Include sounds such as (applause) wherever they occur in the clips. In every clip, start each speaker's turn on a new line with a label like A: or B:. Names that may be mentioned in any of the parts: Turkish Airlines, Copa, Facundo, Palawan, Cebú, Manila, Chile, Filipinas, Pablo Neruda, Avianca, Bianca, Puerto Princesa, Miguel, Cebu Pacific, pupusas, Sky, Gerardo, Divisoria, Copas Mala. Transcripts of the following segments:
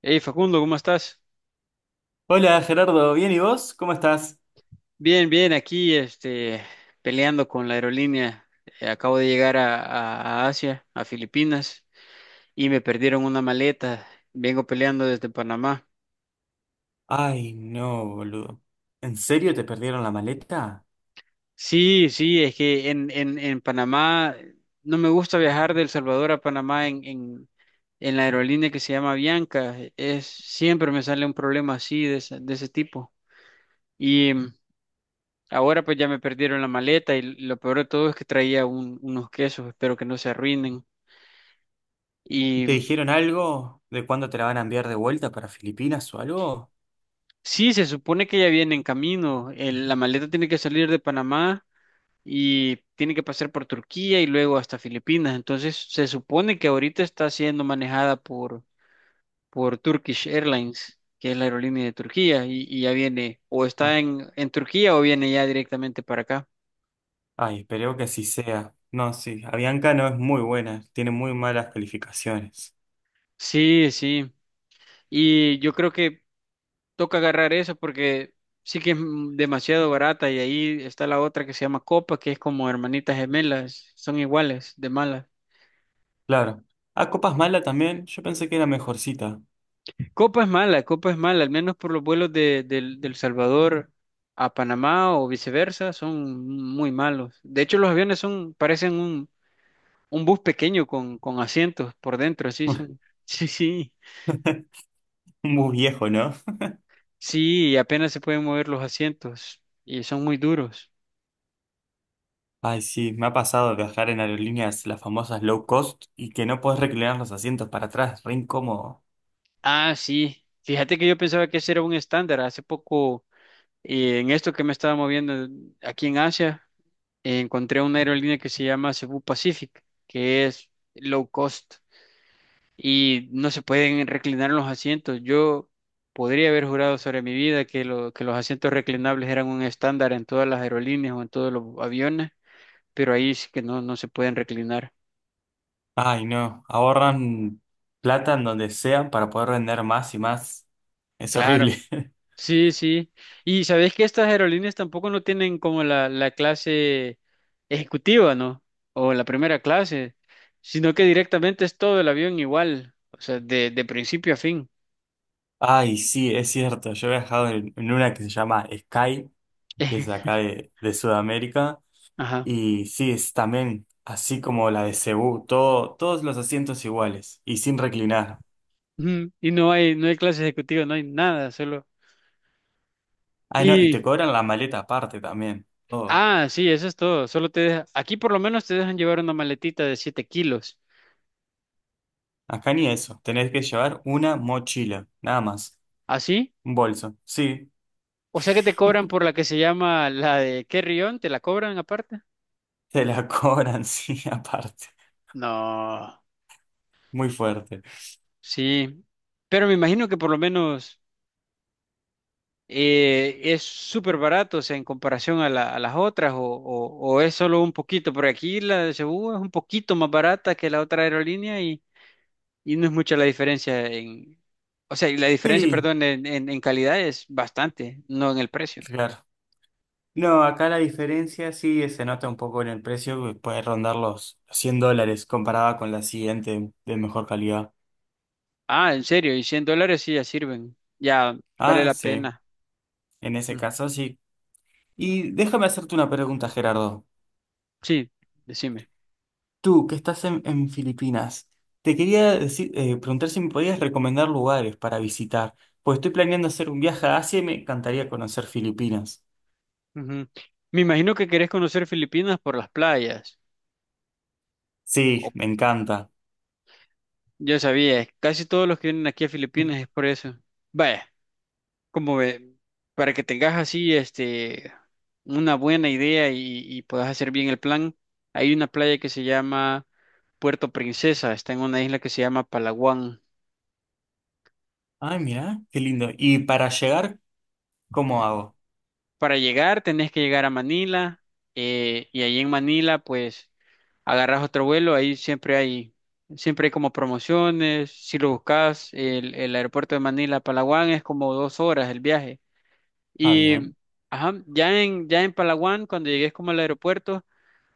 A: Hey Facundo, ¿cómo estás?
B: Hola Gerardo, ¿bien y vos? ¿Cómo estás?
A: Bien, bien, aquí peleando con la aerolínea. Acabo de llegar a Asia, a Filipinas, y me perdieron una maleta. Vengo peleando desde Panamá.
B: Ay, no, boludo. ¿En serio te perdieron la maleta?
A: Sí, es que en Panamá no me gusta viajar de El Salvador a Panamá en la aerolínea que se llama Bianca. Es, siempre me sale un problema así de ese tipo. Ahora pues ya me perdieron la maleta y lo peor de todo es que traía unos quesos, espero que no se arruinen.
B: ¿Y
A: Y
B: te dijeron algo de cuándo te la van a enviar de vuelta para Filipinas o algo?
A: sí, se supone que ya viene en camino. La maleta tiene que salir de Panamá y tiene que pasar por Turquía y luego hasta Filipinas. Entonces se supone que ahorita está siendo manejada por Turkish Airlines, que es la aerolínea de Turquía, y ya viene o
B: No.
A: está en Turquía o viene ya directamente para acá.
B: Ay, espero que así sea. No, sí, Avianca no es muy buena, tiene muy malas calificaciones.
A: Sí, sí. Y yo creo que toca agarrar eso porque sí que es demasiado barata y ahí está la otra que se llama Copa, que es como hermanitas gemelas, son iguales de malas.
B: Claro. Ah, Copas Mala también, yo pensé que era mejorcita.
A: Copa es mala, al menos por los vuelos de, del Salvador a Panamá o viceversa, son muy malos. De hecho, los aviones son, parecen un bus pequeño con asientos por dentro, así son.
B: (laughs)
A: (laughs) Sí, sí,
B: Muy viejo, ¿no?
A: sí, apenas se pueden mover los asientos y son muy duros.
B: Ay, sí, me ha pasado de viajar en aerolíneas, las famosas low cost, y que no podés reclinar los asientos para atrás, re incómodo.
A: Ah, sí. Fíjate que yo pensaba que ese era un estándar. Hace poco y en esto que me estaba moviendo aquí en Asia, encontré una aerolínea que se llama Cebu Pacific, que es low cost y no se pueden reclinar los asientos. Yo podría haber jurado sobre mi vida que los asientos reclinables eran un estándar en todas las aerolíneas o en todos los aviones, pero ahí sí que no, no se pueden reclinar.
B: Ay, no, ahorran plata en donde sea para poder vender más y más. Es
A: Claro.
B: horrible. (laughs)
A: Sí, sí. Y sabés que estas aerolíneas tampoco no tienen como la clase ejecutiva, ¿no? O la primera clase, sino que directamente es todo el avión igual, o sea, de principio a fin.
B: Ay, sí, es cierto. Yo he viajado en una que se llama Sky, que es acá
A: (laughs)
B: de Sudamérica.
A: Ajá.
B: Y sí, es también así como la de Cebú, todo, todos los asientos iguales y sin reclinar.
A: Ujú. Y no hay, no hay clase ejecutiva, no hay nada, solo.
B: Ah, no, y
A: Y,
B: te cobran la maleta aparte también. Todo.
A: ah, sí, eso es todo. Aquí por lo menos te dejan llevar una maletita de 7 kilos.
B: Acá ni eso. Tenés que llevar una mochila, nada más.
A: ¿Así?
B: Un bolso. Sí,
A: O sea que te cobran por la que se llama la de carry-on, ¿te la cobran aparte?
B: te la (laughs) cobran, sí, aparte.
A: No.
B: Muy fuerte.
A: Sí, pero me imagino que por lo menos es súper barato, o sea, en comparación a las otras, o es solo un poquito, porque aquí la de Cebú es un poquito más barata que la otra aerolínea y no es mucha la diferencia o sea, y la diferencia,
B: Sí,
A: perdón, en calidad es bastante, no en el precio.
B: claro. No, acá la diferencia sí se nota un poco en el precio, que puede rondar los 100 dólares comparada con la siguiente de mejor calidad.
A: Ah, en serio, y 100 dólares sí ya sirven, ya vale
B: Ah,
A: la
B: sí,
A: pena.
B: en ese
A: Ujú.
B: caso sí. Y déjame hacerte una pregunta, Gerardo.
A: Sí, decime.
B: Tú, que estás en Filipinas, te quería decir, preguntar si me podías recomendar lugares para visitar, pues estoy planeando hacer un viaje a Asia y me encantaría conocer Filipinas.
A: Ujú. Me imagino que querés conocer Filipinas por las playas.
B: Sí, me encanta.
A: Yo sabía, casi todos los que vienen aquí a Filipinas es
B: (laughs)
A: por eso. Vaya, como ve, para que tengas así una buena idea y puedas hacer bien el plan, hay una playa que se llama Puerto Princesa, está en una isla que se llama Palawan.
B: Ay, mira, qué lindo. ¿Y para llegar, cómo hago?
A: Para llegar tenés que llegar a Manila, y ahí en Manila pues agarras otro vuelo, ahí siempre hay como promociones, si lo buscas el aeropuerto de Manila a Palawan es como 2 horas el viaje.
B: Ah,
A: Y
B: bien.
A: ajá, ya en Palawan, cuando llegues como al aeropuerto,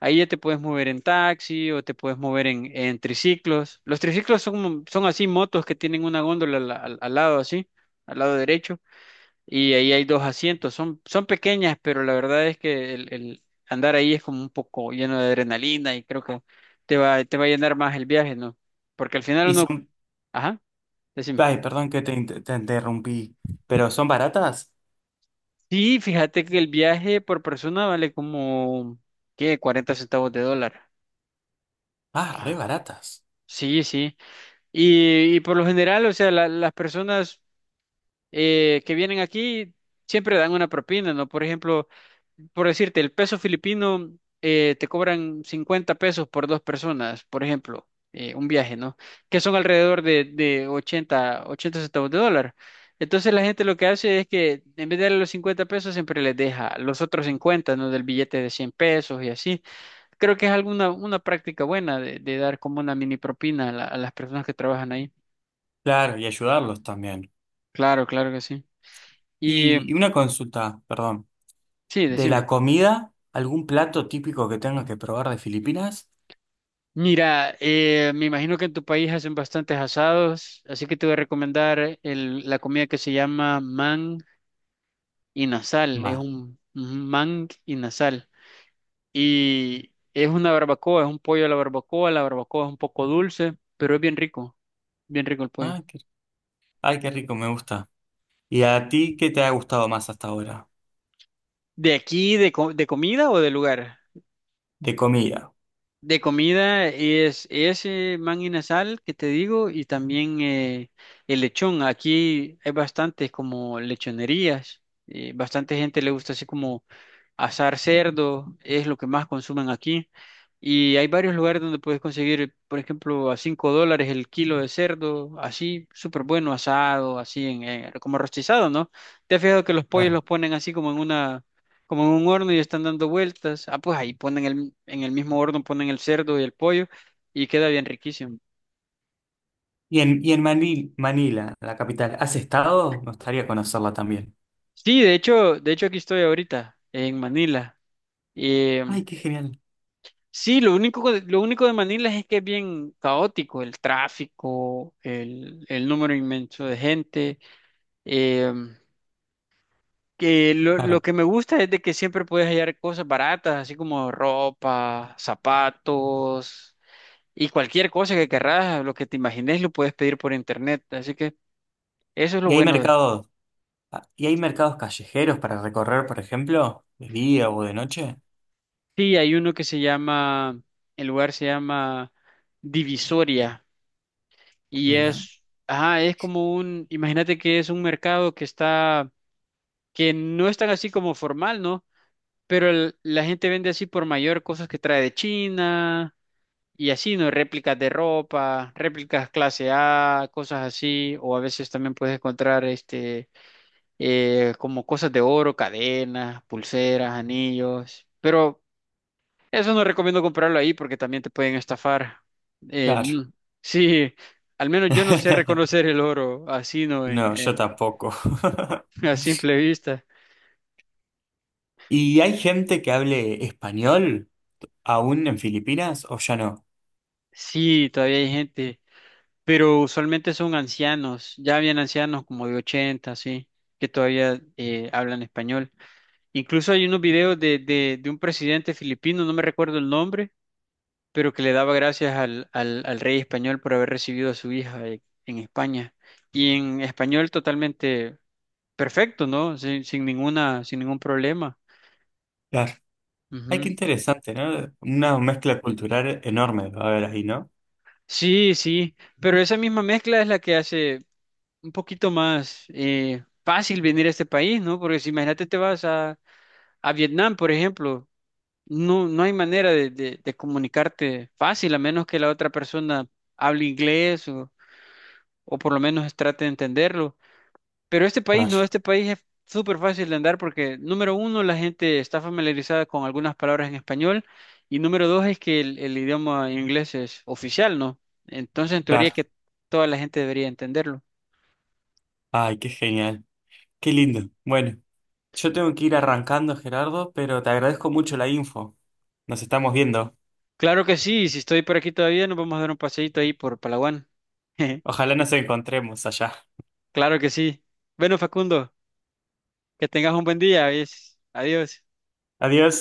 A: ahí ya te puedes mover en taxi o te puedes mover en triciclos. Los triciclos son, son así motos que tienen una góndola al lado así, al lado derecho, y ahí hay dos asientos. Son, son pequeñas, pero la verdad es que el andar ahí es como un poco lleno de adrenalina y creo que te va a llenar más el viaje, ¿no? Porque al final
B: Y
A: uno,
B: son,
A: ajá, decime.
B: ay, perdón que te, te interrumpí, pero son baratas.
A: Sí, fíjate que el viaje por persona vale como, ¿qué? 40 centavos de dólar.
B: Ah, re
A: Ah,
B: baratas.
A: sí, sí. Y por lo general, o sea, las personas que vienen aquí siempre dan una propina, ¿no? Por ejemplo, por decirte, el peso filipino, te cobran 50 pesos por dos personas, por ejemplo, un viaje, ¿no? Que son alrededor de 80, 80 centavos de dólar. Entonces la gente lo que hace es que en vez de darle los 50 pesos siempre les deja los otros 50, ¿no? Del billete de 100 pesos y así. Creo que es alguna una práctica buena de dar como una mini propina a las personas que trabajan ahí.
B: Claro, y ayudarlos también.
A: Claro, claro que sí. Y
B: Y una consulta, perdón.
A: sí,
B: ¿De la
A: decime.
B: comida, algún plato típico que tengas que probar de Filipinas?
A: Mira, me imagino que en tu país hacen bastantes asados, así que te voy a recomendar la comida que se llama man y nasal. Es
B: Más.
A: un man y nasal. Y es una barbacoa, es un pollo a la barbacoa. La barbacoa es un poco dulce, pero es bien rico el pollo.
B: Ah, qué, ay, qué rico, me gusta. ¿Y a ti qué te ha gustado más hasta ahora?
A: ¿De aquí, de comida o de lugar?
B: De comida.
A: De comida es ese man sal que te digo y también el lechón. Aquí hay bastantes como lechonerías. Bastante gente le gusta así como asar cerdo es lo que más consumen aquí. Y hay varios lugares donde puedes conseguir, por ejemplo, a 5 dólares el kilo de cerdo, así, súper bueno, asado, así, como rostizado, ¿no? ¿Te has fijado que los pollos
B: Claro.
A: los ponen así como en una, como en un horno y están dando vueltas? Ah, pues ahí ponen el, en el mismo horno ponen el cerdo y el pollo y queda bien riquísimo.
B: Y en Manila, la capital, ¿has estado? Me gustaría conocerla también.
A: Sí, de hecho aquí estoy ahorita, en Manila.
B: Ay, qué genial.
A: Sí, lo único de Manila es que es bien caótico, el tráfico, el número inmenso de gente. eh, que lo
B: Claro.
A: que me gusta es de que siempre puedes hallar cosas baratas, así como ropa, zapatos y cualquier cosa que querrás, lo que te imagines lo puedes pedir por internet. Así que eso es lo
B: ¿Y hay
A: bueno. de-
B: mercados? Ah, ¿y hay mercados callejeros para recorrer, por ejemplo, de día o de noche?
A: Sí, hay uno que se llama, el lugar se llama Divisoria y
B: Mira,
A: es, ajá, es como un, imagínate que es un mercado que está que no es tan así como formal, ¿no? Pero la gente vende así por mayor cosas que trae de China y así, ¿no? Réplicas de ropa, réplicas clase A, cosas así, o a veces también puedes encontrar como cosas de oro, cadenas, pulseras, anillos, pero eso no recomiendo comprarlo ahí porque también te pueden estafar. Eh,
B: claro.
A: mm, sí, al menos yo no sé
B: (laughs)
A: reconocer el oro así, ¿no?
B: No, yo tampoco.
A: (laughs)
B: (laughs)
A: A simple vista.
B: ¿Y hay gente que hable español aún en Filipinas o ya no?
A: Sí, todavía hay gente. Pero usualmente son ancianos, ya habían ancianos como de 80 sí, que todavía hablan español. Incluso hay unos videos de un presidente filipino, no me recuerdo el nombre, pero que le daba gracias al rey español por haber recibido a su hija en España. Y en español totalmente perfecto, ¿no? Sin, sin ninguna, sin ningún problema.
B: Claro. Ay, qué
A: Ujú.
B: interesante, ¿no? Una mezcla cultural enorme va a haber ahí, ¿no?
A: Sí, sí, pero esa misma mezcla es la que hace un poquito más fácil venir a este país, ¿no? Porque si imagínate te vas a Vietnam, por ejemplo, no, no hay manera de comunicarte fácil, a menos que la otra persona hable inglés o por lo menos trate de entenderlo. Pero este país
B: Claro,
A: no, este país es súper fácil de andar porque, número uno, la gente está familiarizada con algunas palabras en español y número dos es que el idioma inglés es oficial, ¿no? Entonces, en teoría
B: claro.
A: que toda la gente debería entenderlo.
B: Ay, qué genial. Qué lindo. Bueno, yo tengo que ir arrancando, Gerardo, pero te agradezco mucho la info. Nos estamos viendo.
A: Claro que sí, y si estoy por aquí todavía, nos vamos a dar un paseíto ahí por Palawan. (laughs)
B: Ojalá nos encontremos allá.
A: Claro que sí. Bueno, Facundo. Que tengas un buen día, ¿ves? Adiós.
B: Adiós.